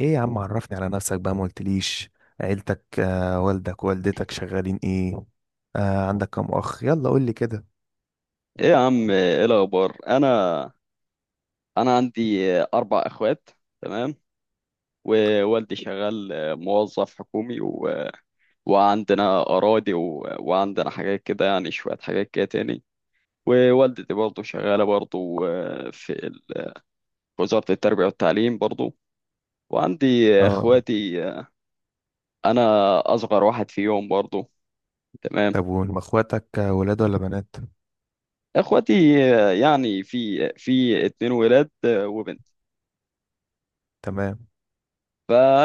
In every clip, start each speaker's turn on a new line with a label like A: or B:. A: ايه يا عم، عرفني على نفسك بقى، ما قلتليش؟ عيلتك والدك والدتك شغالين ايه؟ عندك كام اخ، يلا قولي كده.
B: ايه يا عم، ايه الاخبار؟ انا عندي اربع اخوات. تمام. ووالدي شغال موظف حكومي، وعندنا اراضي وعندنا حاجات كده، يعني شويه حاجات كده تاني. ووالدتي برضه شغاله برضه في في وزاره التربيه والتعليم برضه. وعندي
A: اه.
B: اخواتي، انا اصغر واحد فيهم برضه. تمام.
A: طب وهم اخواتك، ولاد ولا بنات؟
B: اخواتي يعني في اتنين ولاد وبنت،
A: تمام.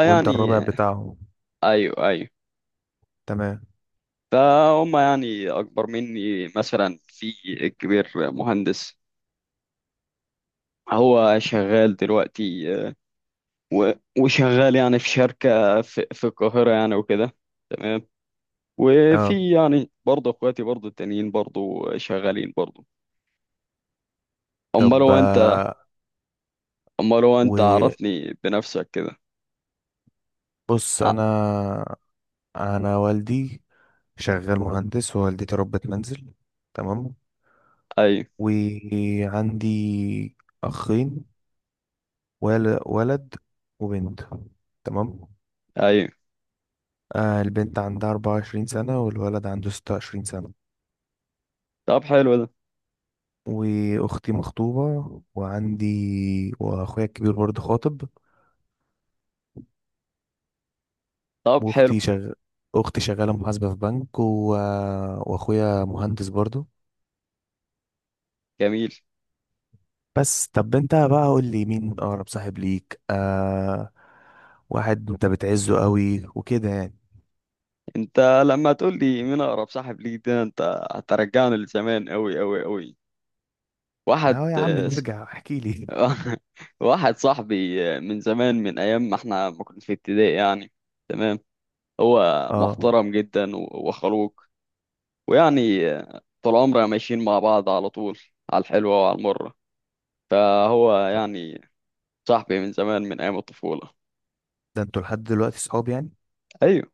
A: وانت الربع بتاعهم؟
B: ايوه، ايوه.
A: تمام.
B: فهم يعني أكبر مني، مثلا في الكبير مهندس، هو شغال دلوقتي آه، و- وشغال يعني في شركة في القاهرة يعني وكده. تمام.
A: اه.
B: وفي يعني برضه اخواتي برضه التانيين برضه شغالين برضه. امال
A: طب،
B: هو انت؟ امال هو انت،
A: وبص،
B: عرفني بنفسك كده. ع-
A: انا انا والدي شغال مهندس، ووالدتي ربة منزل. تمام.
B: ايوه،
A: وعندي اخين، ولد وبنت. تمام.
B: ايوه.
A: البنت عندها 24 سنة والولد عنده 26 سنة.
B: طب حلو ده.
A: واختي مخطوبة، وعندي، واخويا الكبير برضه خاطب.
B: طب حلو.
A: واختي شغ... اختي شغالة محاسبة في بنك، واخويا مهندس برضه.
B: جميل.
A: بس طب، انت بقى قول لي، مين اقرب صاحب ليك؟ واحد انت بتعزه قوي وكده يعني.
B: انت لما تقول لي مين اقرب صاحب ليك، ده انت هترجعني لزمان قوي قوي قوي. واحد.
A: اهو يا عم، نرجع، احكي لي.
B: واحد صاحبي من زمان، من ايام ما احنا ما كنا في ابتدائي يعني. تمام. هو
A: اه.
B: محترم جدا وخلوق، ويعني طول عمرنا ماشيين مع بعض على طول، على الحلوة وعلى المرة. فهو يعني صاحبي من زمان، من ايام الطفولة.
A: ده انتوا لحد دلوقتي صحاب يعني؟
B: ايوه،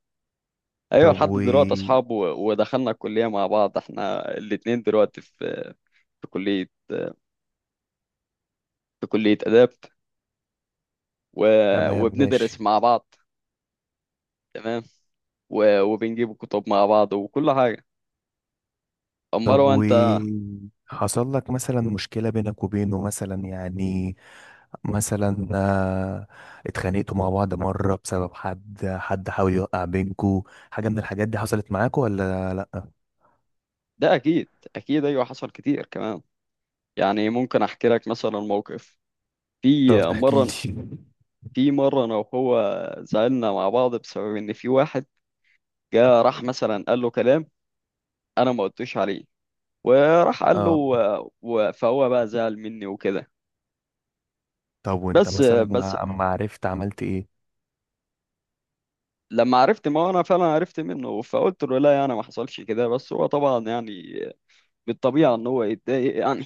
B: ايوه،
A: طب،
B: لحد دلوقتي اصحاب، ودخلنا الكلية مع بعض، احنا الاتنين دلوقتي في في كلية في كلية آداب، و...
A: تمام
B: وبندرس
A: ماشي.
B: مع بعض. تمام. وبنجيب كتب مع بعض وكل حاجة. امال
A: طب،
B: هو
A: و
B: انت؟
A: حصل لك مثلا مشكلة بينك وبينه مثلا يعني، مثلا اتخانقتوا مع بعض مرة بسبب حد حاول يوقع بينكوا؟ حاجة من الحاجات دي حصلت معاكوا ولا لأ؟
B: ده اكيد، اكيد، ايوه، حصل كتير كمان. يعني ممكن احكي لك مثلا موقف. في
A: طب احكي
B: مره،
A: لي.
B: في مره انا وهو زعلنا مع بعض بسبب ان في واحد جه راح مثلا قال له كلام انا ما قلتوش عليه، وراح قال له
A: اه.
B: فهو بقى زعل مني وكده.
A: طب وانت بالظبط
B: بس
A: مثلا،
B: بس
A: ما اما عرفت عملت ايه؟
B: لما عرفت، ما هو انا فعلا عرفت منه، فقلت له لا يعني ما حصلش كده. بس هو طبعا يعني بالطبيعه ان هو يتضايق يعني،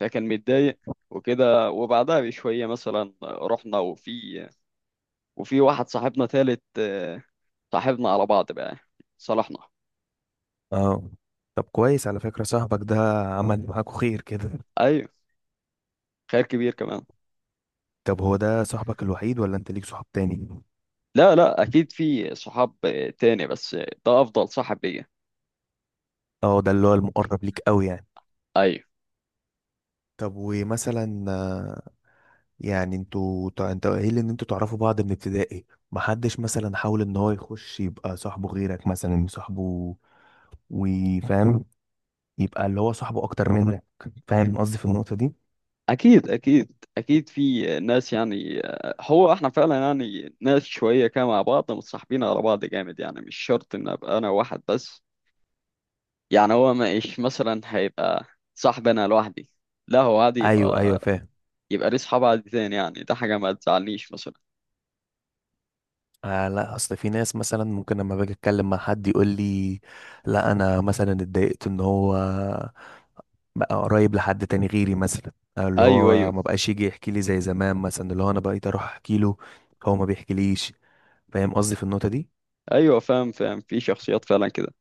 B: فكان متضايق وكده. وبعدها بشويه مثلا رحنا وفي، وفي واحد صاحبنا تالت آه، صاحبنا على بعض بقى، صالحنا.
A: اه. طب كويس، على فكرة صاحبك ده عمل معاكوا خير كده.
B: ايوه، خير كبير كمان.
A: طب هو ده صاحبك الوحيد ولا انت ليك صحاب تاني؟
B: لا، لا، اكيد في صحاب آه، تاني، بس آه، ده افضل صاحب ليا.
A: اه، ده اللي هو المقرب ليك قوي يعني.
B: ايوه،
A: طب، ومثلا يعني انتوا انت قايل ان انتوا تعرفوا بعض من ابتدائي. محدش مثلا حاول ان هو يخش يبقى صاحبه غيرك مثلا؟ صاحبه، وفاهم، يبقى اللي هو صاحبه اكتر منك؟ فاهم قصدي في النقطة دي؟
B: اكيد، اكيد، اكيد، في آه، ناس يعني آه، هو احنا فعلا يعني ناس شويه كده مع بعض متصاحبين على بعض جامد. يعني مش شرط ان ابقى انا واحد بس يعني. هو مش مثلا هيبقى صاحب انا لوحدي، لا هو عادي
A: ايوه، ايوه،
B: يبقى،
A: فاهم.
B: يبقى ليه صحاب عادي تاني يعني. ده حاجه ما تزعلنيش مثلا.
A: آه، لا، اصل في ناس مثلا ممكن لما باجي اتكلم مع حد يقول لي: لا، انا مثلا اتضايقت ان هو بقى قريب لحد تاني غيري مثلا. أو اللي
B: ايوه،
A: هو
B: ايوه،
A: ما بقاش يجي يحكي لي زي زمان، مثلا اللي هو انا بقيت اروح احكي له، هو ما بيحكيليش. فاهم قصدي في النقطة دي؟
B: ايوه، فاهم، فاهم، في شخصيات فعلا كده.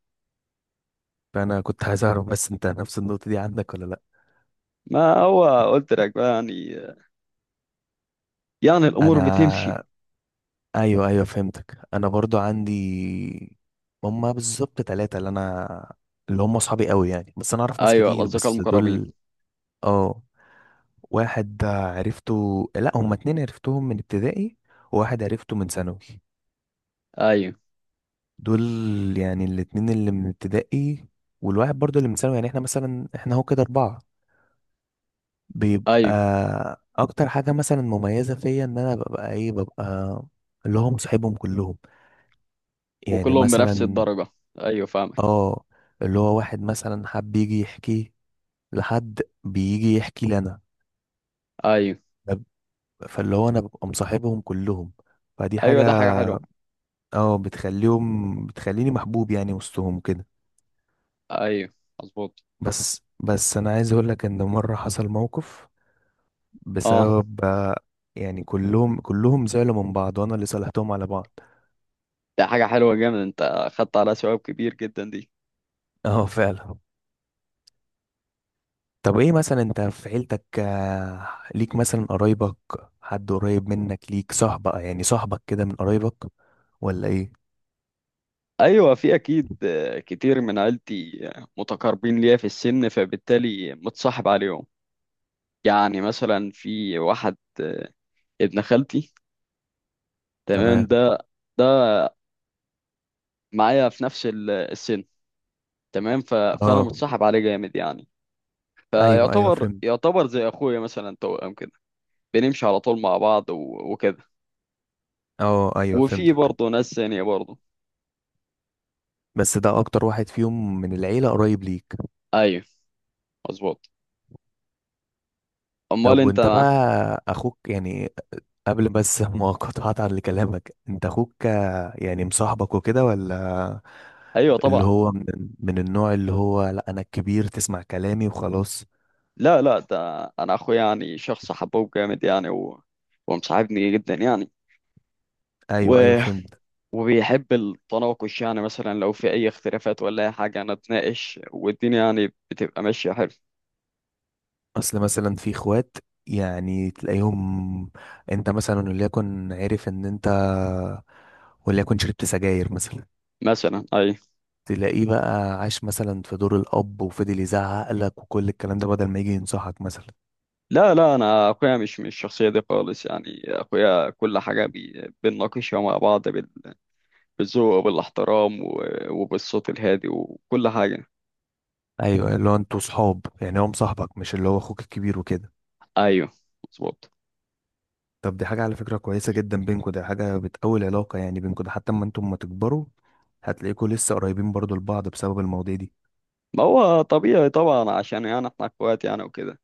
A: فانا كنت عايز اعرف، بس انت نفس النقطة دي عندك ولا لا؟
B: ما هو قلت لك بقى يعني، يعني الامور
A: انا
B: بتمشي.
A: ايوه، ايوه، فهمتك، انا برضو عندي. هما بالظبط ثلاثة، اللي هم صحابي قوي يعني، بس انا اعرف ناس
B: ايوه،
A: كتير،
B: الاصدقاء
A: بس
B: المقربين.
A: دول. اه. واحد عرفته، لا هما اتنين عرفتهم من ابتدائي، وواحد عرفته من ثانوي.
B: ايوه،
A: دول يعني الاتنين اللي من ابتدائي، والواحد برضه اللي من ثانوي، يعني احنا مثلا، هو كده اربعة بيبقى.
B: ايوه.
A: اكتر حاجة مثلا مميزة فيا ان انا ببقى، ببقى اللي هو مصاحبهم كلهم. يعني
B: وكلهم بنفس
A: مثلا،
B: الدرجه. ايوه، فاهمك.
A: اه، اللي هو واحد مثلا حب يجي يحكي، لحد بيجي يحكي لنا.
B: ايوه،
A: فاللي هو انا ببقى مصاحبهم كلهم، فدي
B: ايوه، ده
A: حاجة،
B: حاجه حلوه.
A: اه، بتخليني محبوب يعني وسطهم كده.
B: ايوه، مظبوط.
A: بس انا عايز اقول لك ان مره حصل موقف
B: اه،
A: بسبب، يعني كلهم زعلوا من بعض، وانا اللي صالحتهم على بعض.
B: ده حاجه حلوه جامد، انت خدت على ثواب كبير جدا دي.
A: اه فعلا. طب ايه مثلا انت في عيلتك، ليك مثلا قرايبك حد قريب منك ليك صاحبك يعني، صاحبك كده من قرايبك ولا ايه؟
B: ايوه، في اكيد آه، كتير من عيلتي آه، متقاربين ليا في السن، فبالتالي متصاحب عليهم. يعني مثلا في واحد آه، ابن خالتي، تمام،
A: تمام.
B: ده، ده معايا في نفس السن. تمام. ف... فانا
A: اه،
B: متصاحب عليه جامد يعني.
A: ايوه، ايوه،
B: فيعتبر،
A: فهمت.
B: يعتبر زي اخويا مثلا، توأم كده، بنمشي على طول مع بعض وكده.
A: اه، ايوه،
B: وفي
A: فهمتك.
B: برضه ناس ثانية برضه.
A: بس ده اكتر واحد فيهم من العيلة قريب ليك؟
B: ايوه، مظبوط. امال
A: طب،
B: انت؟
A: وانت بقى، اخوك يعني، قبل بس ما قطعت على كلامك، انت اخوك، يعني مصاحبك وكده ولا؟
B: ايوه،
A: اللي
B: طبعا.
A: هو من النوع اللي هو: لا، انا الكبير تسمع كلامي وخلاص؟
B: لا، لا، ده انا اخويا يعني شخص حبوب جامد يعني ومصاحبني جدا يعني،
A: ايوه، ايوه،
B: و...
A: فهمت.
B: وبيحب التناقش. يعني مثلا لو في اي اختلافات ولا اي حاجة نتناقش، والدنيا يعني بتبقى ماشية حلو.
A: اصل مثلا في اخوات يعني تلاقيهم، انت مثلا وليكن عرف ان انت وليكن شربت سجاير مثلا،
B: مثلا ايوه.
A: تلاقيه بقى عاش مثلا في دور الاب، وفضل يزعق لك وكل الكلام ده بدل ما يجي ينصحك مثلا.
B: لا، لا، انا اخويا مش الشخصيه دي خالص يعني. اخويا كل حاجه بنناقشها مع بعض بالذوق وبالاحترام وبالصوت الهادي وكل حاجه.
A: ايوه، اللي هو انتوا صحاب يعني، هو مصاحبك مش اللي هو اخوك الكبير وكده.
B: ايوه، مظبوط.
A: طب، دي حاجه على فكره كويسه جدا بينكوا، ده حاجه بتقوي العلاقه يعني بينكوا، ده حتى اما انتم ما تكبروا، هتلاقيكوا لسه قريبين برضو لبعض بسبب المواضيع دي.
B: ما هو طبيعي طبعا، عشان يعني احنا اخوات يعني وكده.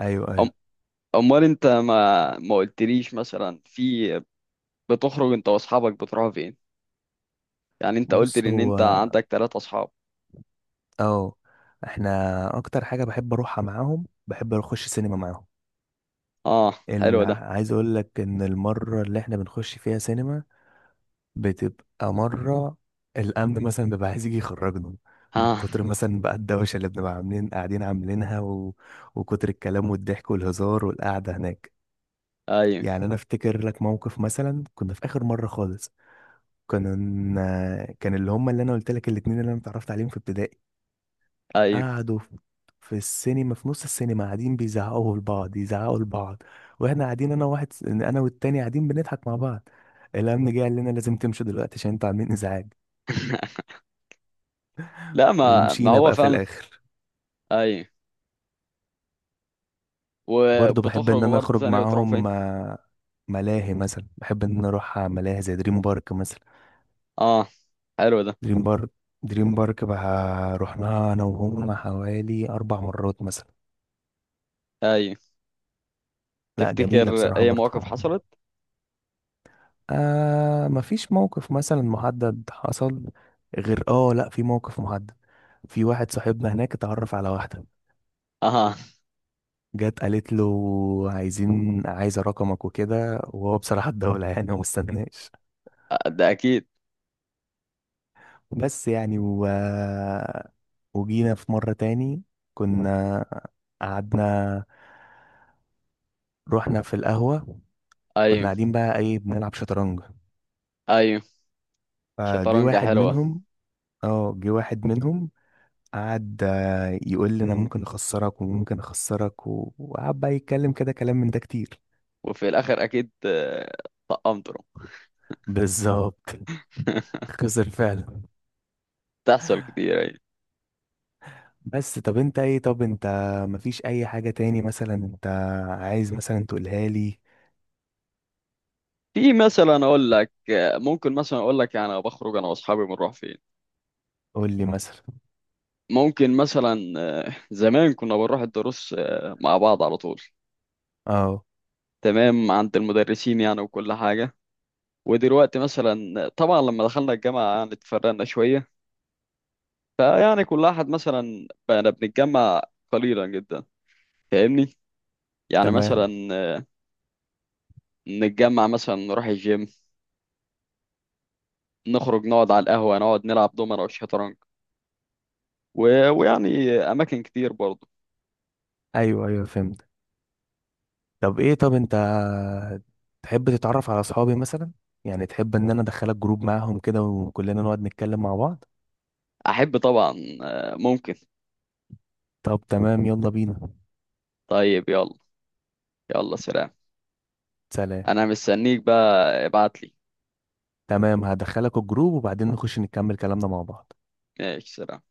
A: ايوه،
B: أم،
A: ايوه.
B: امال انت ما قلتليش مثلا في، بتخرج انت واصحابك بتروحوا فين؟ يعني انت قلت
A: بص
B: لي ان
A: هو،
B: انت عندك ثلاثة اصحاب.
A: اه احنا اكتر حاجه بحب اروحها معاهم، بحب اخش سينما معاهم.
B: اه، حلو ده.
A: عايز اقول لك ان المره اللي احنا بنخش فيها سينما بتبقى مرة الأمن مثلا بيبقى عايز يجي يخرجنا من
B: اه،
A: كتر مثلا بقى الدوشة اللي بنبقى عاملين، قاعدين عاملينها، وكتر الكلام والضحك والهزار والقعدة هناك.
B: ايوه،
A: يعني أنا أفتكر لك موقف، مثلا كنا في آخر مرة خالص، كنا كان اللي هم اللي أنا قلت لك الاتنين اللي أنا اتعرفت عليهم في ابتدائي،
B: ايوه.
A: قعدوا في السينما، في نص السينما، قاعدين بيزعقوا لبعض، يزعقوا لبعض، واحنا قاعدين، انا والتاني قاعدين بنضحك مع بعض. الامن جه قال لنا: لازم تمشوا دلوقتي عشان انتوا عاملين ازعاج.
B: لا، ما ما
A: ومشينا
B: هو
A: بقى في
B: فعلا.
A: الاخر.
B: ايوه،
A: برضو بحب ان
B: وبتخرجوا
A: انا
B: برضه
A: اخرج
B: تاني بتروحوا فين؟
A: معاهم، ملاهي مثلا، بحب ان انا اروح على ملاهي زي دريم بارك مثلا.
B: اه، حلو ده.
A: دريم بارك دريم بارك بقى رحناها انا وهم حوالي اربع مرات مثلا.
B: ايوه،
A: لا، جميلة
B: تفتكر
A: بصراحة
B: اي
A: برضو.
B: مواقف حصلت؟
A: مفيش موقف مثلا محدد حصل، غير اه لا، في موقف محدد. في واحد صاحبنا هناك اتعرف على واحدة،
B: اها.
A: جت قالت له: عايزة رقمك وكده، وهو بصراحة الدولة يعني ومستناش.
B: ده اكيد.
A: بس يعني، وجينا في مرة تاني، كنا، قعدنا، رحنا في القهوة، كنا
B: ايوه،
A: قاعدين بقى، بنلعب شطرنج.
B: ايوه.
A: فجه
B: شطرنجة
A: واحد
B: حلوة.
A: منهم. اه، جه واحد منهم، قعد يقول لي: انا ممكن اخسرك وممكن اخسرك، وقعد بقى يتكلم كده كلام من ده كتير.
B: وفي الاخر اكيد آه، طقمتوا.
A: بالظبط. خسر فعلا.
B: تحصل كتير، ايوه.
A: بس طب، انت ايه؟ طب انت مفيش اي حاجة تاني مثلا انت عايز مثلا تقولها لي؟
B: في مثلا اقول لك آه، ممكن مثلا اقول لك يعني أنا بخرج انا واصحابي بنروح فين.
A: قول لي مثلا.
B: ممكن مثلا آه، زمان كنا بنروح الدروس آه، مع بعض على طول.
A: اه.
B: تمام، عند المدرسين يعني وكل حاجة. ودلوقتي مثلا طبعا لما دخلنا الجامعة يعني اتفرقنا شوية. فيعني كل واحد مثلا، بقينا بنتجمع قليلا جدا. فاهمني؟ يعني
A: تمام.
B: مثلا نتجمع، مثلا نروح الجيم، نخرج نقعد على القهوة، نقعد نلعب دومنة وشطرنج، و... ويعني أماكن كتير برضه.
A: ايوه، ايوه، فهمت. طب ايه، طب انت تحب تتعرف على اصحابي مثلا؟ يعني تحب ان انا ادخلك جروب معاهم كده وكلنا نقعد نتكلم مع بعض.
B: أحب طبعا آه، ممكن.
A: طب تمام، يلا بينا.
B: طيب، يلا. يلا، سلام.
A: سلام.
B: أنا مستنيك بقى، ابعتلي.
A: تمام، هدخلك الجروب وبعدين نخش نكمل كلامنا مع بعض.
B: ماشي، سلام.